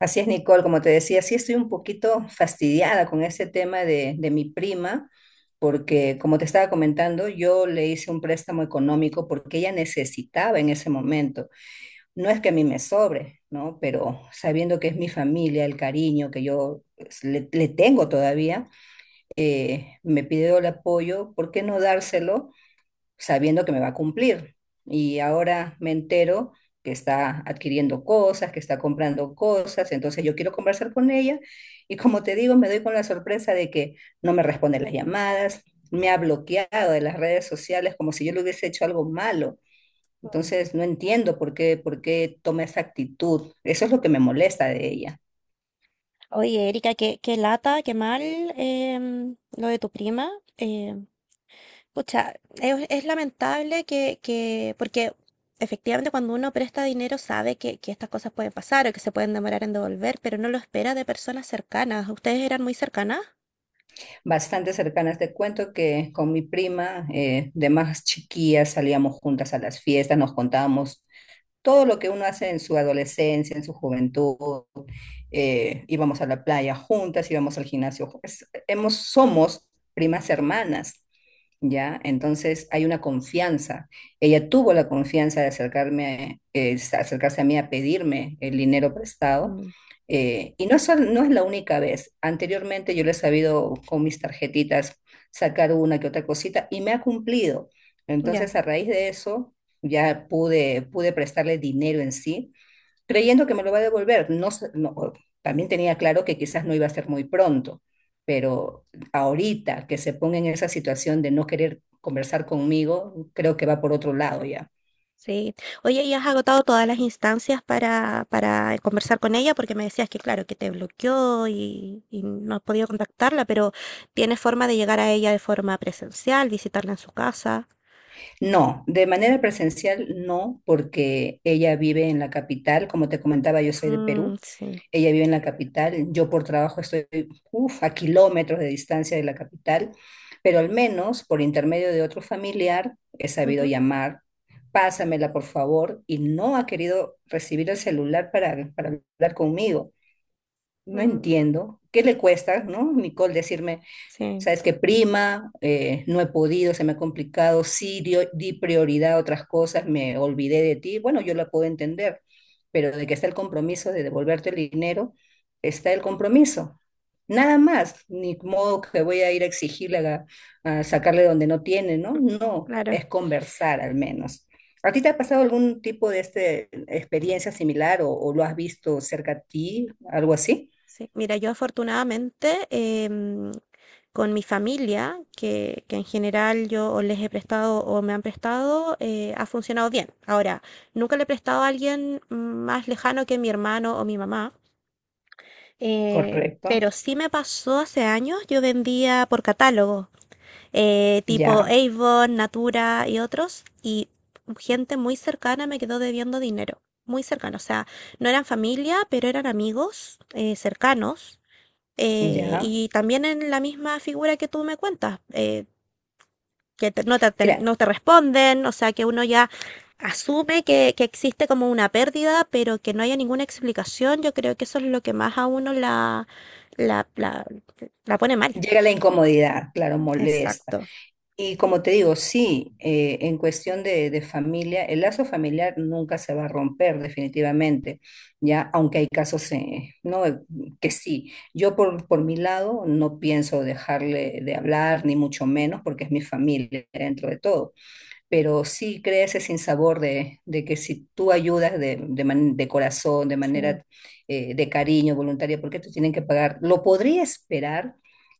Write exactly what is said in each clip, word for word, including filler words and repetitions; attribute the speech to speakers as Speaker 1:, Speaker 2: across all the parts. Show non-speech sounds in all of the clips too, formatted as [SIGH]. Speaker 1: Así es, Nicole, como te decía, sí estoy un poquito fastidiada con este tema de, de mi prima, porque como te estaba comentando, yo le hice un préstamo económico porque ella necesitaba en ese momento. No es que a mí me sobre, ¿no? Pero sabiendo que es mi familia, el cariño que yo pues, le, le tengo todavía, eh, me pidió el apoyo, ¿por qué no dárselo? Sabiendo que me va a cumplir. Y ahora me entero que está adquiriendo cosas, que está comprando cosas, entonces yo quiero conversar con ella y como te digo, me doy con la sorpresa de que no me responde las llamadas, me ha bloqueado de las redes sociales como si yo le hubiese hecho algo malo. Entonces no entiendo por qué, por qué toma esa actitud. Eso es lo que me molesta de ella.
Speaker 2: Oye, Erika, qué, qué lata, qué mal em, lo de tu prima. em, pucha, es, es lamentable que, que, porque efectivamente cuando uno presta dinero sabe que, que estas cosas pueden pasar o que se pueden demorar en devolver, pero no lo espera de personas cercanas. ¿Ustedes eran muy cercanas?
Speaker 1: Bastante cercanas te cuento que con mi prima eh, de más chiquillas salíamos juntas a las fiestas, nos contábamos todo lo que uno hace en su adolescencia, en su juventud, eh, íbamos a la playa juntas, íbamos al gimnasio, juntas. Hemos, somos primas hermanas. ¿Ya? Entonces hay una confianza. Ella tuvo la confianza de acercarme, eh, acercarse a mí a pedirme el dinero prestado.
Speaker 2: Mm,
Speaker 1: Eh, y no es, sol- no es la única vez. Anteriormente yo le he sabido con mis tarjetitas sacar una que otra cosita y me ha cumplido.
Speaker 2: ya.
Speaker 1: Entonces a raíz de eso ya pude, pude prestarle dinero en sí creyendo que me lo va a devolver. No, sé- no, También tenía claro que quizás no iba a ser muy pronto, pero ahorita que se ponga en esa situación de no querer conversar conmigo, creo que va por otro lado ya.
Speaker 2: Sí. Oye, ¿y has agotado todas las instancias para, para conversar con ella? Porque me decías que, claro, que te bloqueó y, y no has podido contactarla, pero ¿tienes forma de llegar a ella de forma presencial, visitarla en su casa?
Speaker 1: No, de manera presencial no, porque ella vive en la capital, como te comentaba, yo soy de
Speaker 2: Mm,
Speaker 1: Perú,
Speaker 2: sí.
Speaker 1: ella vive en la capital, yo por trabajo estoy uf, a kilómetros de distancia de la capital, pero al menos por intermedio de otro familiar he sabido
Speaker 2: Ujú.
Speaker 1: llamar, pásamela por favor, y no ha querido recibir el celular para, para hablar conmigo. No
Speaker 2: Mm,
Speaker 1: entiendo, ¿qué le cuesta, no, Nicole, decirme,
Speaker 2: sí,
Speaker 1: sabes que prima, eh, no he podido, se me ha complicado, sí dio- di prioridad a otras cosas, me olvidé de ti. Bueno, yo la puedo entender, pero de que está el compromiso de devolverte el dinero, está el compromiso. Nada más, ni modo que voy a ir a exigirle a, a sacarle donde no tiene, ¿no?
Speaker 2: [LAUGHS]
Speaker 1: No,
Speaker 2: claro.
Speaker 1: es conversar al menos. ¿A ti te ha pasado algún tipo de este, experiencia similar o, o lo has visto cerca a ti, algo así?
Speaker 2: Sí, mira, yo afortunadamente em, con mi familia, que, que en general yo o les he prestado o me han prestado, eh, ha funcionado bien. Ahora, nunca le he prestado a alguien más lejano que mi hermano o mi mamá, eh,
Speaker 1: Correcto,
Speaker 2: pero sí me pasó hace años, yo vendía por catálogo, eh, tipo
Speaker 1: ya,
Speaker 2: Avon, Natura y otros, y gente muy cercana me quedó debiendo dinero, muy cercana, o sea, no eran familia, pero eran amigos eh, cercanos eh,
Speaker 1: ya.
Speaker 2: y también en la misma figura que tú me cuentas, eh, que te- no te, ter-
Speaker 1: Mira,
Speaker 2: no te responden, o sea, que uno ya asume que, que existe como una pérdida, pero que no haya ninguna explicación, yo creo que eso es lo que más a uno la, la, la, la pone mal.
Speaker 1: llega la incomodidad, claro, molesta.
Speaker 2: Exacto.
Speaker 1: Y como te digo, sí, eh, en cuestión de, de familia, el lazo familiar nunca se va a romper definitivamente, ya, aunque hay casos eh, no, que sí. Yo por, por mi lado no pienso dejarle de hablar, ni mucho menos, porque es mi familia dentro de todo, pero sí crea ese sinsabor de, de que si tú ayudas de, de, man- de corazón, de
Speaker 2: Sí.
Speaker 1: manera eh, de cariño, voluntaria, ¿por qué te tienen que pagar? Lo podría esperar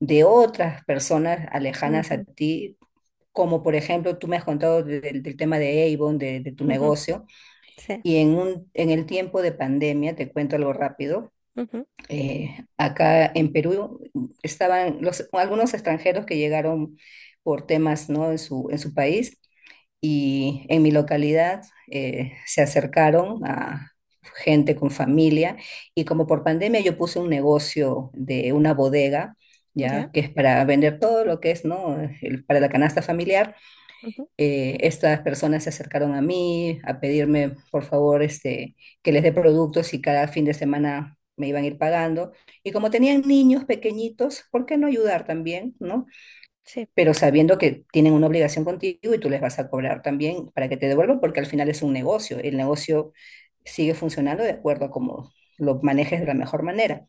Speaker 1: de otras personas alejanas a
Speaker 2: Ujú,
Speaker 1: ti, como por ejemplo tú me has contado de- del del tema de Avon, de, de tu
Speaker 2: ujú,
Speaker 1: negocio,
Speaker 2: sí.
Speaker 1: y en, un, en el tiempo de pandemia, te cuento algo rápido,
Speaker 2: Ujú,
Speaker 1: eh, acá en Perú estaban los, algunos extranjeros que llegaron por temas, ¿no? En su, en su país y en mi localidad eh, se acercaron a gente con familia y como por pandemia yo puse un negocio de una bodega,
Speaker 2: ya.
Speaker 1: ya que es para vender todo lo que es, ¿no? El- para la canasta familiar.
Speaker 2: Ujú,
Speaker 1: Eh, estas personas se acercaron a mí a pedirme, por favor, este, que les dé productos y cada fin de semana me iban a ir pagando. Y como tenían niños pequeñitos, ¿por qué no ayudar también, ¿no?
Speaker 2: sí.
Speaker 1: Pero sabiendo que tienen una obligación contigo y tú les vas a cobrar también para que te devuelvan, porque al final es un negocio. El negocio sigue funcionando de acuerdo a cómo lo manejes de la mejor manera.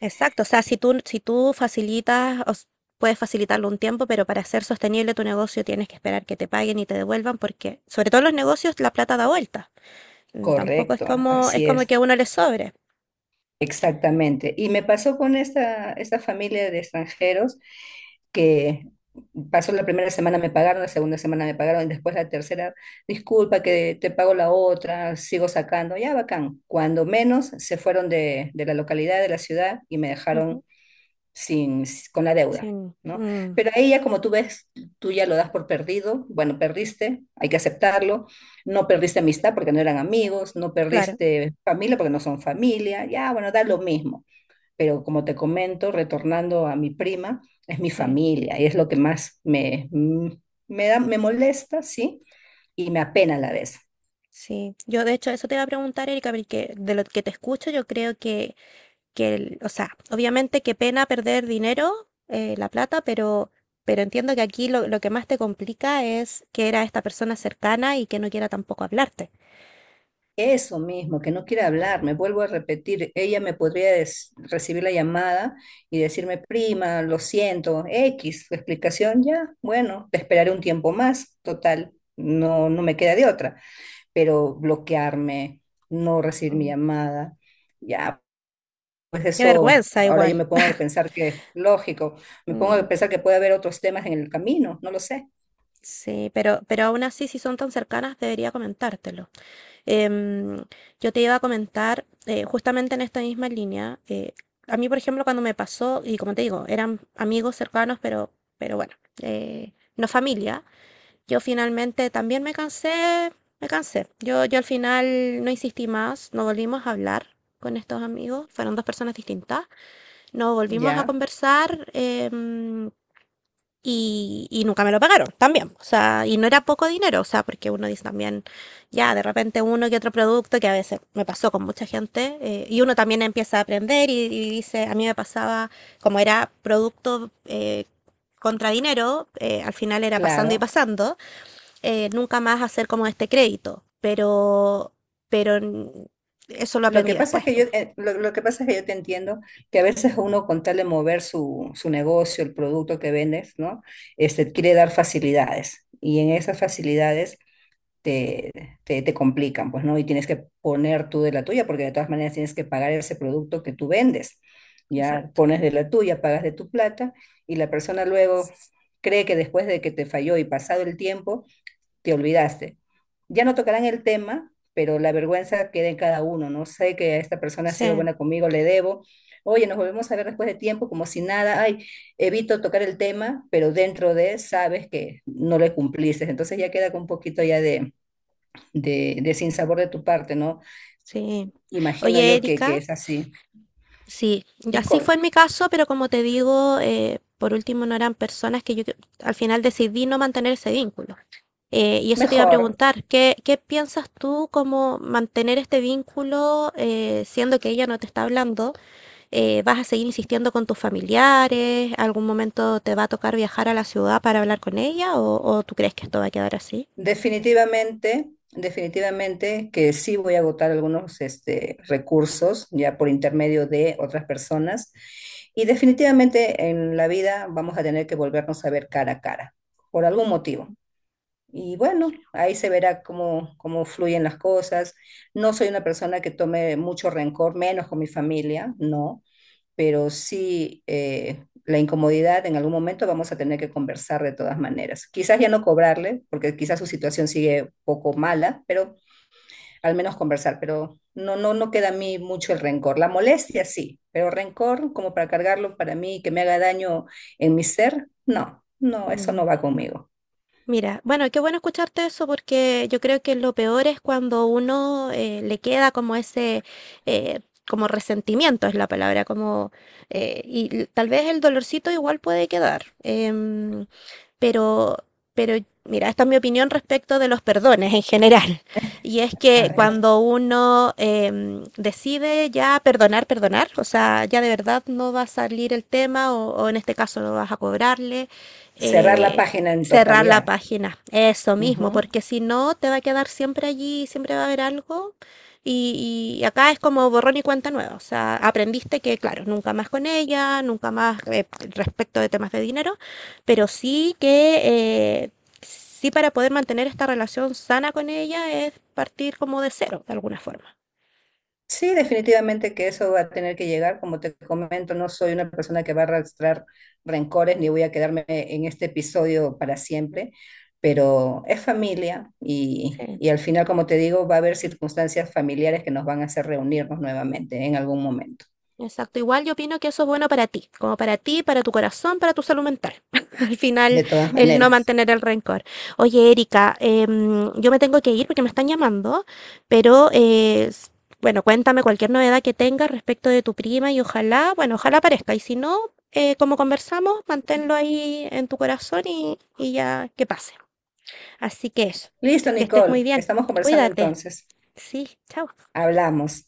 Speaker 2: Exacto, o sea, si tú, si tú facilitas, o s- puedes facilitarlo un tiempo, pero para hacer sostenible tu negocio tienes que esperar que te paguen y te devuelvan, porque sobre todo en los negocios la plata da vuelta. Mm, tampoco es
Speaker 1: Correcto,
Speaker 2: como, es
Speaker 1: así
Speaker 2: como
Speaker 1: es,
Speaker 2: que a uno le sobre.
Speaker 1: exactamente. Y me pasó con esta, esta familia de extranjeros que pasó la primera semana me pagaron, la segunda semana me pagaron, y después la tercera, disculpa que te pago la otra, sigo sacando, ya bacán. Cuando menos se fueron de, de la localidad, de la ciudad y me
Speaker 2: Ujú.
Speaker 1: dejaron sin, con la
Speaker 2: Sí,
Speaker 1: deuda, ¿no?
Speaker 2: mm,
Speaker 1: Pero ahí ya como tú ves, tú ya lo das por perdido, bueno, perdiste, hay que aceptarlo, no perdiste amistad porque no eran amigos, no
Speaker 2: claro,
Speaker 1: perdiste familia porque no son familia, ya, bueno, da lo mismo. Pero como te comento, retornando a mi prima, es mi
Speaker 2: sí.
Speaker 1: familia y es lo que más me, me da, me molesta, ¿sí? Y me apena a la vez.
Speaker 2: Sí, yo de hecho eso te iba a preguntar, Erika, porque de lo que te escucho yo creo que, que el- o sea, obviamente qué pena perder dinero, eh, la plata, pero, pero entiendo que aquí lo, lo que más te complica es que era esta persona cercana y que no quiera tampoco hablarte.
Speaker 1: Eso mismo, que no quiere hablar, me vuelvo a repetir, ella me podría des- recibir la llamada y decirme, prima, lo siento, X, tu explicación ya, bueno, te esperaré un tiempo más, total, no, no me queda de otra, pero bloquearme, no recibir mi
Speaker 2: Mm.
Speaker 1: llamada, ya, pues
Speaker 2: Qué
Speaker 1: eso,
Speaker 2: vergüenza
Speaker 1: ahora yo
Speaker 2: igual.
Speaker 1: me pongo a
Speaker 2: [LAUGHS]
Speaker 1: pensar que, lógico, me pongo
Speaker 2: Mm,
Speaker 1: a pensar que puede haber otros temas en el camino, no lo sé,
Speaker 2: sí, pero, pero aún así si son tan cercanas debería comentártelo. Em, yo te iba a comentar, eh, justamente en esta misma línea, eh, a mí, por ejemplo, cuando me pasó, y como te digo, eran amigos cercanos, pero, pero bueno, eh, no familia, yo finalmente también me cansé, me cansé. Yo, yo al final no insistí más, no volvimos a hablar con estos amigos, fueron dos personas distintas, no volvimos a
Speaker 1: ya,
Speaker 2: conversar, em, y, y nunca me lo pagaron también. O sea, y no era poco dinero, o sea, porque uno dice también, ya, de repente uno que otro producto, que a veces me pasó con mucha gente, eh, y uno también empieza a aprender y, y dice, a mí me pasaba, como era producto eh, contra dinero, eh, al final era pasando y
Speaker 1: claro.
Speaker 2: pasando, eh, nunca más hacer como este crédito, pero, pero n- eso lo
Speaker 1: Lo que
Speaker 2: aprendí
Speaker 1: pasa es
Speaker 2: después.
Speaker 1: que yo,
Speaker 2: Po.
Speaker 1: eh, lo, lo que pasa es que yo te entiendo que a veces uno con tal de mover su, su negocio, el producto que vendes, ¿no? Este,
Speaker 2: Ujú,
Speaker 1: quiere dar facilidades y en esas facilidades te, te, te complican, pues, ¿no? Y tienes que poner tú de la tuya porque de todas maneras tienes que pagar ese producto que tú vendes. Ya
Speaker 2: exacto.
Speaker 1: pones de la tuya, pagas de tu plata y la persona luego cree que después de que te falló y pasado el tiempo, te olvidaste. Ya no tocarán el tema, pero la vergüenza queda en cada uno, ¿no? Sé que esta persona ha sido
Speaker 2: Sí,
Speaker 1: buena conmigo, le debo. Oye, nos volvemos a ver después de tiempo, como si nada, ay, evito tocar el tema, pero dentro de sabes que no le cumpliste. Entonces ya queda con un poquito ya de, de, de sinsabor de tu parte, ¿no?
Speaker 2: sí.
Speaker 1: Imagino
Speaker 2: Oye,
Speaker 1: yo que, que
Speaker 2: Erika.
Speaker 1: es así.
Speaker 2: Sí, y así fue
Speaker 1: Nicole,
Speaker 2: en mi caso, pero como te digo, eh, por último no eran personas que yo que- al final decidí no mantener ese vínculo. Eh, y eso te iba a
Speaker 1: mejor,
Speaker 2: preguntar, ¿qué, qué piensas tú como mantener este vínculo eh, siendo que ella no te está hablando? Eh, ¿vas a seguir insistiendo con tus familiares? ¿Algún momento te va a tocar viajar a la ciudad para hablar con ella? ¿O, o tú crees que esto va a quedar así?
Speaker 1: definitivamente, definitivamente que sí voy a agotar algunos este, recursos ya por intermedio de otras personas y definitivamente en la vida vamos a tener que volvernos a ver cara a cara por algún motivo. Y bueno, ahí se verá cómo, cómo fluyen las cosas. No soy una persona que tome mucho rencor, menos con mi familia, no, pero sí eh, la incomodidad en algún momento vamos a tener que conversar de todas maneras. Quizás ya no cobrarle, porque quizás su situación sigue poco mala, pero al menos conversar, pero no, no, no queda a mí mucho el rencor. La molestia sí, pero rencor como para cargarlo para mí, que me haga daño en mi ser, no, no, eso no va conmigo.
Speaker 2: Mira, bueno, qué bueno escucharte eso porque yo creo que lo peor es cuando uno eh, le queda como ese, eh, como resentimiento es la palabra, como, eh, y l- tal vez el dolorcito igual puede quedar. em, pero, pero mira, esta es mi opinión respecto de los perdones en general. [LAUGHS] Y es
Speaker 1: A
Speaker 2: que
Speaker 1: ver,
Speaker 2: cuando uno eh, decide ya perdonar, perdonar, o sea, ya de verdad no va a salir el tema o, o en este caso no vas a cobrarle,
Speaker 1: cerrar la
Speaker 2: eh,
Speaker 1: página en
Speaker 2: cerrar la
Speaker 1: totalidad.
Speaker 2: página, eso mismo,
Speaker 1: Ujú.
Speaker 2: porque si no te va a quedar siempre allí, siempre va a haber algo. Y, y acá es como borrón y cuenta nueva, o sea, aprendiste que, claro, nunca más con ella, nunca más eh, respecto de temas de dinero pero sí que eh, sí para poder mantener esta relación sana con ella es partir como de cero, de alguna forma.
Speaker 1: Sí, definitivamente que eso va a tener que llegar. Como te comento, no soy una persona que va a arrastrar rencores ni voy a quedarme en este episodio para siempre, pero es familia y,
Speaker 2: Sí.
Speaker 1: y al final, como te digo, va a haber circunstancias familiares que nos van a hacer reunirnos nuevamente en algún momento,
Speaker 2: Exacto, igual yo opino que eso es bueno para ti, como para ti, para tu corazón, para tu salud mental. [LAUGHS] Al final,
Speaker 1: de todas
Speaker 2: el no
Speaker 1: maneras.
Speaker 2: mantener el rencor. Oye, Erika, em, yo me tengo que ir porque me están llamando, pero eh, s- bueno, cuéntame cualquier novedad que tengas respecto de tu prima y ojalá, bueno, ojalá aparezca. Y si no, eh, como conversamos, manténlo ahí en tu corazón y, y ya que pase. Así que eso,
Speaker 1: Listo,
Speaker 2: te- que estés muy
Speaker 1: Nicole,
Speaker 2: bien.
Speaker 1: estamos conversando
Speaker 2: Cuídate.
Speaker 1: entonces.
Speaker 2: Sí, chao.
Speaker 1: Hablamos.